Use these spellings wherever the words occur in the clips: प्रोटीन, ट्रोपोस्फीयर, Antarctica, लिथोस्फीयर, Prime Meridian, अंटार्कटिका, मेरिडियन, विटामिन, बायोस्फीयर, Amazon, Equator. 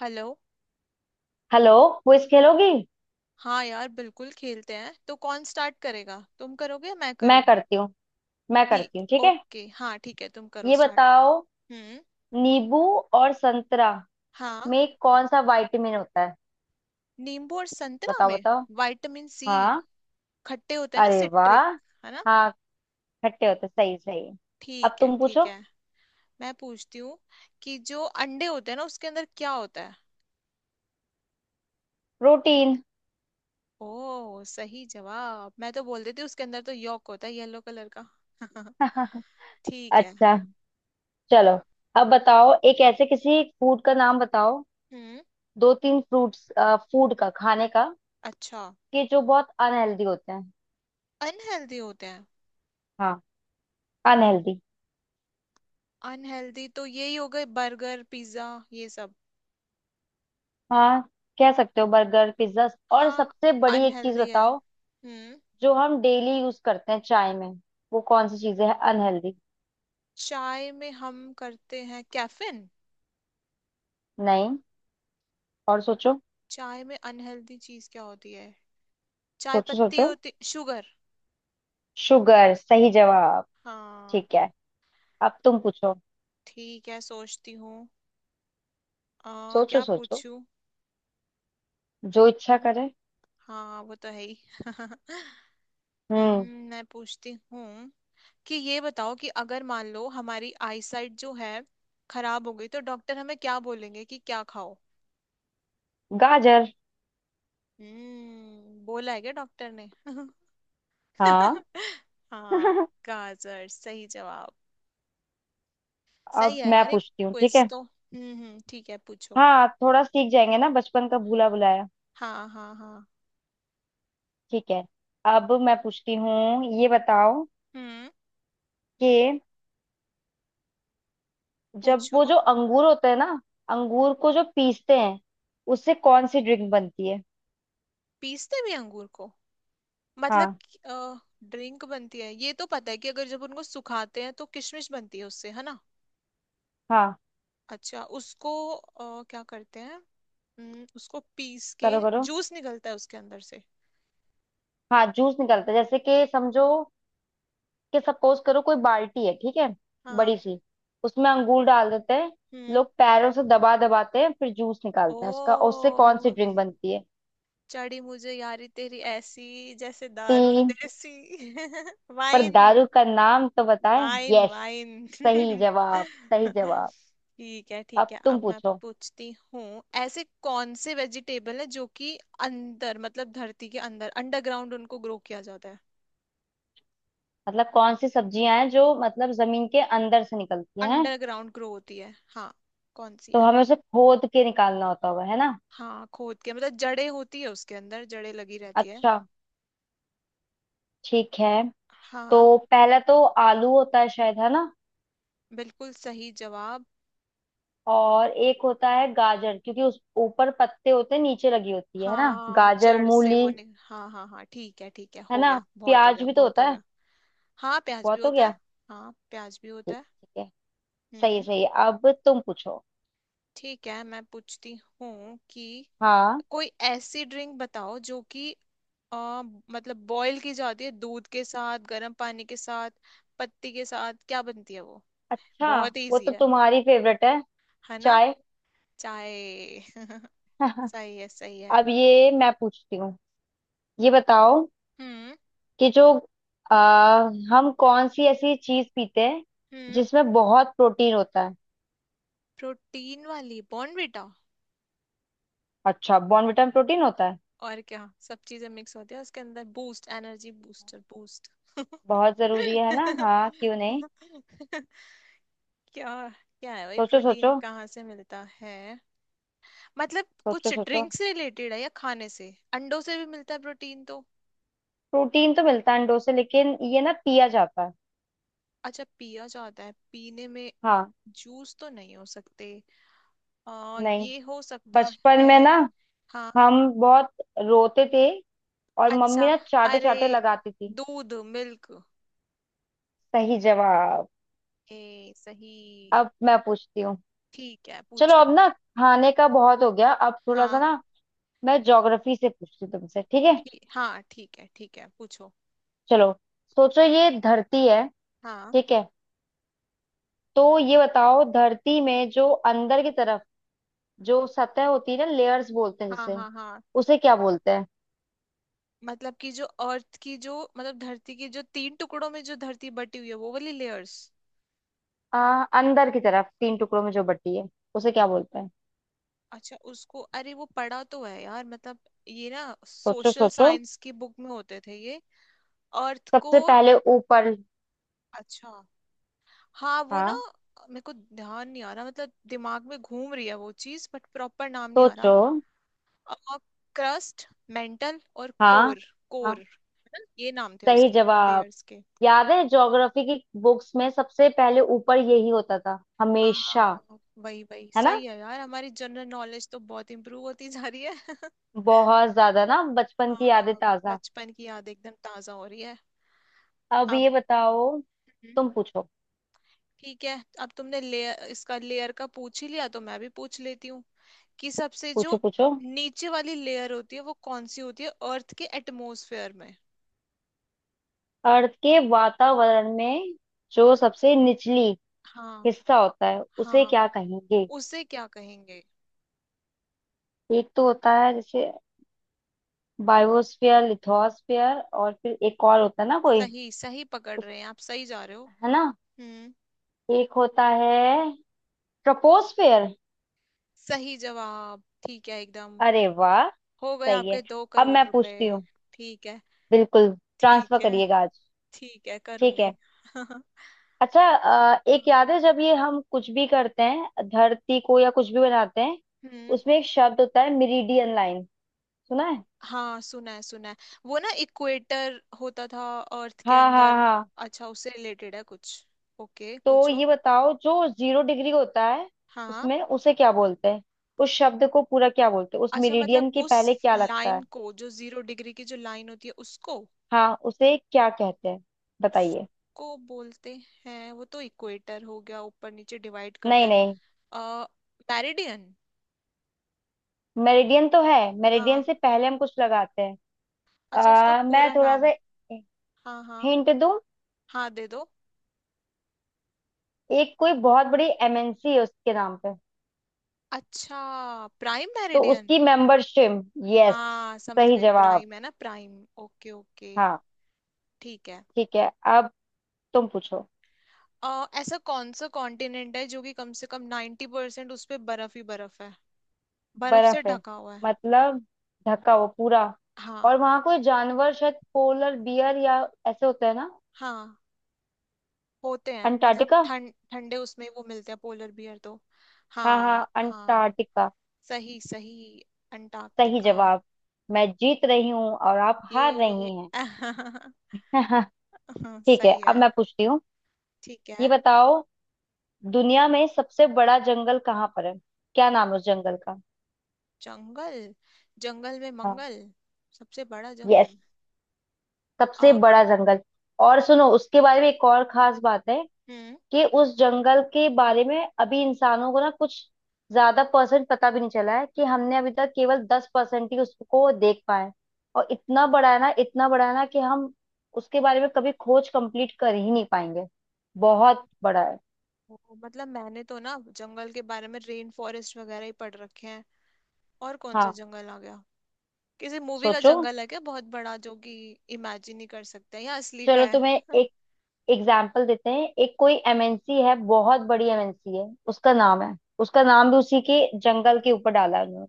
Hello. Hello. Quiz खेलोगी। हाँ यार बिल्कुल खेलते हैं। तो कौन स्टार्ट करेगा, तुम करोगे या मैं मैं करूँ? करती हूँ। मैं करती ठीक, हूँ ठीक है। ओके, हाँ ठीक है, तुम करो ये स्टार्ट। बताओ, हम्म। नींबू और संतरा हाँ। में कौन सा विटामिन होता है। नींबू और संतरा बताओ में? बताओ। विटामिन C. हाँ। खट्टे होते हैं ना, अरे सिट्रिक। वाह। है ना? हाँ, खट्टे होते सही सही। अब ठीक है। तुम पूछो। मैं पूछती हूँ कि जो अंडे होते हैं ना, उसके अंदर क्या होता है? प्रोटीन। ओ, सही जवाब। मैं तो बोल देती हूँ, उसके अंदर तो यॉक होता है, येलो कलर का। ठीक है। अच्छा, चलो अब बताओ, एक ऐसे किसी फूड का नाम बताओ, हम्म। दो तीन फ्रूट्स, फूड का, खाने का, अच्छा। कि जो बहुत अनहेल्दी होते हैं। अनहेल्दी होते हैं। हाँ, अनहेल्दी। अनहेल्दी तो यही हो गए, बर्गर पिज्जा, ये सब। हाँ कह सकते हो, बर्गर पिज्जा। और हाँ, सबसे बड़ी एक चीज अनहेल्दी है। बताओ, हम्म। जो हम डेली यूज करते हैं चाय में, वो कौन सी चीजें है अनहेल्दी। चाय में हम करते हैं कैफीन। नहीं, और सोचो। चाय में अनहेल्दी चीज क्या होती है? चाय सोचो पत्ती, सोचो। होती शुगर। शुगर सही जवाब। हाँ ठीक है, अब तुम पूछो। ठीक है, सोचती हूँ। आ सोचो क्या सोचो, पूछूं? जो इच्छा करे। हाँ वो तो है ही। हम्म। मैं पूछती हूँ कि ये बताओ कि अगर मान लो हमारी आईसाइट जो है खराब हो गई, तो डॉक्टर हमें क्या बोलेंगे कि क्या खाओ? गाजर। हम्म, बोला है क्या डॉक्टर ने? हाँ। हाँ। गाजर, सही जवाब। अब सही है मैं यार। एक पूछती हूँ ठीक क्विज है। तो, हम्म, ठीक है पूछो। हाँ, थोड़ा सीख जाएंगे ना, बचपन का भूला भुलाया। हाँ हाँ हाँ। ठीक है, अब मैं पूछती हूँ, ये बताओ हम्म। कि जब पूछो। वो जो अंगूर होता है ना, अंगूर को जो पीसते हैं, उससे कौन सी ड्रिंक बनती है। पीसते भी अंगूर को? मतलब? हाँ। ड्रिंक बनती है, ये तो पता है कि अगर जब उनको सुखाते हैं तो किशमिश बनती है उससे, है ना? हाँ, अच्छा, उसको क्या करते हैं? उसको पीस के करो करो। जूस निकलता है उसके अंदर से। हाँ, जूस निकलता है, जैसे कि समझो कि सपोज करो, कोई बाल्टी है ठीक है, बड़ी हाँ। सी, उसमें अंगूर डाल देते हैं, हम्म। लोग पैरों से दबा दबाते हैं, फिर जूस ओ। निकालते हैं उसका, और उससे कौन सी ड्रिंक बनती है। चढ़ी मुझे यारी तेरी ऐसी जैसे दारू 3, देसी। पर दारू वाइन। का नाम तो बताएं, वाइन यस। वाइन। सही जवाब। सही ठीक जवाब। है ठीक अब है। तुम अब मैं पूछो। पूछती हूँ, ऐसे कौन से वेजिटेबल है जो कि अंदर, मतलब धरती के अंदर, अंडरग्राउंड उनको ग्रो किया जाता है। मतलब कौन सी सब्जियां हैं जो मतलब जमीन के अंदर से निकलती हैं। अंडरग्राउंड ग्रो होती है, हाँ। कौन सी तो है? हमें उसे खोद के निकालना होता होगा है ना। हाँ, खोद के, मतलब जड़ें होती है उसके अंदर, जड़ें लगी रहती है। अच्छा, ठीक है। तो हाँ, पहला तो आलू होता है शायद, है ना। बिल्कुल सही जवाब। और एक होता है गाजर, क्योंकि उस ऊपर पत्ते होते हैं, नीचे लगी होती है ना, हाँ गाजर जड़ से मूली। वो नि..., हाँ हाँ हाँ, ठीक है ठीक है, है हो ना। गया, बहुत हो प्याज गया, भी तो बहुत होता हो है। गया। हाँ, प्याज भी बहुत हो होता है। गया। हाँ, प्याज भी होता ठीक, है। ठीक है। सही है, हम्म। सही है, अब तुम पूछो। ठीक है, मैं पूछती हूँ कि हाँ। कोई ऐसी ड्रिंक बताओ जो कि अ, मतलब बॉईल की जाती है दूध के साथ, गर्म पानी के साथ, पत्ती के साथ। क्या बनती है वो? अच्छा, बहुत वो इजी तो है। तुम्हारी फेवरेट है। है ना? चाय। चाय। सही है सही है। अब ये मैं पूछती हूँ, ये बताओ हम्म। कि जो आ, हम कौन सी ऐसी चीज पीते हैं हम्म। जिसमें बहुत प्रोटीन होता है। प्रोटीन वाली बॉर्नविटा। अच्छा, बॉर्नविटा में प्रोटीन होता है। और क्या, सब चीजें मिक्स होती है उसके अंदर, बूस्ट, एनर्जी बूस्टर, बूस्ट। बहुत जरूरी है ना, हाँ क्यों नहीं। क्या? क्या है भाई, सोचो प्रोटीन सोचो। कहाँ से मिलता है? मतलब सोचो कुछ सोचो। ड्रिंक से रिलेटेड है या खाने से? अंडों से भी मिलता है प्रोटीन तो। प्रोटीन तो मिलता है अंडों से, लेकिन ये ना पिया जाता है। अच्छा, पिया जाता है, पीने में? हाँ। जूस तो नहीं हो सकते। नहीं, ये हो सकता बचपन में है। ना हाँ। हम बहुत रोते थे, और मम्मी अच्छा। ना चाटे अरे, चाटे लगाती थी। दूध, मिल्क। सही जवाब। ए, सही। अब मैं पूछती हूँ। ठीक है चलो अब पूछो। ना, खाने का बहुत हो गया, अब थोड़ा सा हाँ। ना मैं ज्योग्राफी से पूछती हूँ तुमसे, ठीक है। हाँ ठीक है पूछो। चलो, सोचो ये धरती है, हाँ ठीक है। तो ये बताओ, धरती में जो अंदर की तरफ जो सतह होती है ना, लेयर्स बोलते हैं हाँ जिसे, हाँ। हाँ। उसे क्या बोलते हैं। मतलब कि जो अर्थ की जो, मतलब धरती की जो तीन टुकड़ों में जो धरती बटी हुई है, वो वाली लेयर्स। अंदर की तरफ तीन टुकड़ों में जो बटी है, उसे क्या बोलते हैं। अच्छा, उसको, अरे वो पढ़ा तो है यार, मतलब ये ना सोचो सोशल सोचो, साइंस की बुक में होते थे ये। अर्थ को। सबसे पहले ऊपर। अच्छा। हाँ वो ना, हाँ। मेरे को ध्यान नहीं आ रहा, मतलब दिमाग में घूम रही है वो चीज बट प्रॉपर नाम नहीं आ रहा। सोचो। क्रस्ट, मेंटल और हाँ। कोर। हाँ, कोर। ये नाम थे सही उसके जवाब। लेयर्स के। याद है, ज्योग्राफी की बुक्स में सबसे पहले ऊपर यही होता था हमेशा। हाँ, वही वही। है ना, सही है यार, हमारी जनरल नॉलेज तो बहुत इम्प्रूव होती जा रही है। बहुत ज्यादा ना बचपन की यादें हाँ, ताजा। बचपन की याद एकदम ताजा हो रही है। अब अब, ये बताओ, हम्म, तुम पूछो। ठीक है। अब तुमने लेयर, इसका लेयर का पूछ ही लिया तो मैं भी पूछ लेती हूँ कि सबसे जो पूछो पूछो। नीचे वाली लेयर होती है, वो कौन सी होती है अर्थ के एटमॉस्फेयर में? अर्थ के वातावरण में, जो सबसे निचली हाँ। हिस्सा होता है, उसे हाँ, क्या कहेंगे। उसे क्या कहेंगे? एक तो होता है जैसे बायोस्फीयर, लिथोस्फीयर, और फिर एक और होता है ना कोई। सही सही पकड़ उस- रहे हैं, आप सही जा रहे हो। है ना। हम्म। एक होता है ट्रोपोस्फीयर। सही जवाब, ठीक है एकदम। अरे वाह। हो गए सही आपके है, दो अब करोड़ मैं रुपए। पूछती हूँ। ठीक है। बिल्कुल, ठीक ट्रांसफर है। करिएगा आज। ठीक है, ठीक करूंगी। है। अच्छा, एक याद है, जब ये हम कुछ भी करते हैं धरती को, या कुछ भी बनाते हैं, हम्म। उसमें एक शब्द होता है मिरीडियन लाइन, सुना है। हाँ सुना है सुना है। वो ना इक्वेटर होता था अर्थ के हाँ हाँ अंदर। हाँ। अच्छा, उससे रिलेटेड है कुछ? ओके तो पूछो। ये बताओ, जो 0 डिग्री होता है, हाँ। उसमें उसे क्या बोलते हैं, उस शब्द को पूरा क्या बोलते हैं, उस अच्छा, मतलब मेरिडियन के उस पहले क्या लगता है। लाइन को, जो 0 डिग्री की जो लाइन होती है, उसको? हाँ, उसे क्या कहते हैं, बताइए। उसको बोलते हैं, वो तो इक्वेटर हो गया, ऊपर नीचे डिवाइड करता नहीं है। नहीं, आ मेरिडियन। मेरिडियन तो है, मेरिडियन हाँ, से पहले हम कुछ लगाते हैं। अच्छा, उसका मैं पूरा थोड़ा नाम? सा हाँ हाँ। हिंट दूं, हाँ दे दो। एक कोई बहुत बड़ी एमएनसी है उसके नाम पे, अच्छा, प्राइम तो मेरिडियन। उसकी मेंबरशिप। यस, हाँ समझ सही गई, जवाब। प्राइम, है ना प्राइम। Okay okay. हाँ ठीक है। ठीक है, अब तुम पूछो। ऐसा कौन सा कॉन्टिनेंट है जो कि कम से कम 90% उस पे बर्फ ही बर्फ है, बर्फ से बर्फ है, ढका हुआ है? मतलब ढका हुआ पूरा। और हाँ। वहां कोई जानवर, शायद पोलर बियर या ऐसे होता है ना। हाँ, होते हैं, मतलब अंटार्कटिका। ठंड, ठंडे उसमें वो मिलते हैं पोलर बियर तो। हाँ हाँ हाँ, हाँ। अंटार्कटिका। सही सही, सही अंटार्कटिका। जवाब। मैं जीत रही हूँ और आप हार ये, रही हैं। ठीक है, सही अब है। मैं पूछती हूँ, ठीक ये है। बताओ, दुनिया में सबसे बड़ा जंगल कहाँ पर है, क्या नाम है उस जंगल का। जंगल। जंगल में हाँ। मंगल। सबसे बड़ा यस, जंगल। सबसे आ, बड़ा जंगल। और सुनो, उसके बारे में एक और खास बात है, हम्म। कि उस जंगल के बारे में अभी इंसानों को ना कुछ ज्यादा परसेंट पता भी नहीं चला है, कि हमने अभी तक केवल 10% ही उसको देख पाए। और इतना बड़ा है ना, इतना बड़ा है ना, कि हम उसके बारे में कभी खोज कंप्लीट कर ही नहीं पाएंगे। बहुत बड़ा है। ओ, मतलब मैंने तो ना जंगल के बारे में रेन फॉरेस्ट वगैरह ही पढ़ रखे हैं। और कौन सा हाँ। जंगल आ गया? किसी मूवी का सोचो, जंगल है क्या, बहुत बड़ा जो कि इमेजिन ही कर सकते हैं, या असली का चलो है? तुम्हें एक एग्जाम्पल देते हैं, एक कोई एमएनसी है, बहुत बड़ी एमएनसी है, उसका नाम है, उसका नाम भी उसी के जंगल के ऊपर डाला है उन्होंने।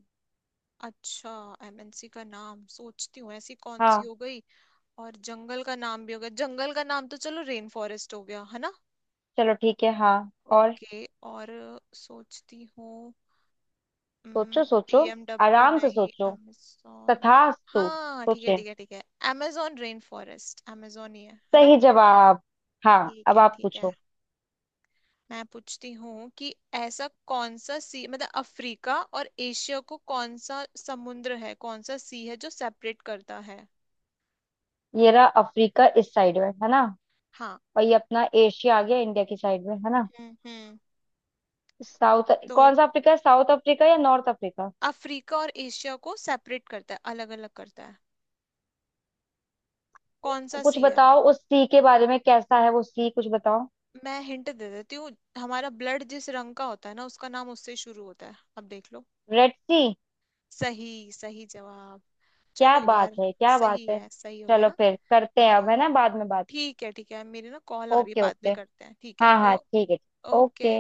अच्छा, एमएनसी का नाम सोचती हूँ, ऐसी कौन सी हाँ, हो गई? और जंगल का नाम भी हो गया, जंगल का नाम तो चलो रेन फॉरेस्ट हो गया, है ना? चलो ठीक है, हाँ। और ओके। और, सोचती हूँ। सोचो सोचो, बीएमडब्ल्यू, आराम से नहीं, सोचो, amazon। तथास्तु। हाँ ठीक है सोचे। ठीक है ठीक है। amazon रेन फॉरेस्ट, amazon ही है ना? सही जवाब। हाँ, ठीक अब है आप ठीक है। पूछो। मैं पूछती हूँ कि ऐसा कौन सा सी, मतलब अफ्रीका और एशिया को, कौन सा समुद्र है, कौन सा सी है, जो सेपरेट करता है? ये रहा अफ्रीका, इस साइड में है ना। हाँ। और ये अपना एशिया आ गया इंडिया की साइड में, है ना। हम्म। साउथ तो कौन सा अफ्रीका है, साउथ अफ्रीका या नॉर्थ अफ्रीका। अफ्रीका और एशिया को सेपरेट करता है, अलग अलग करता है, कौन सा कुछ सी है? बताओ उस सी के बारे में, कैसा है वो सी, कुछ बताओ। मैं हिंट दे देती हूँ। हमारा ब्लड जिस रंग का होता है ना, उसका नाम उससे शुरू होता है, अब देख लो। रेड सी। सही, सही जवाब। चलो क्या बात यार। है, क्या बात सही है। है, सही हो गया चलो ना। फिर करते हैं अब है हाँ ना बाद में बात। ठीक है ठीक है, मेरी ना कॉल आ रही है, ओके बाद ओके। में करते हैं, ठीक है? हाँ हाँ ओ ठीक है। ओके। ओके।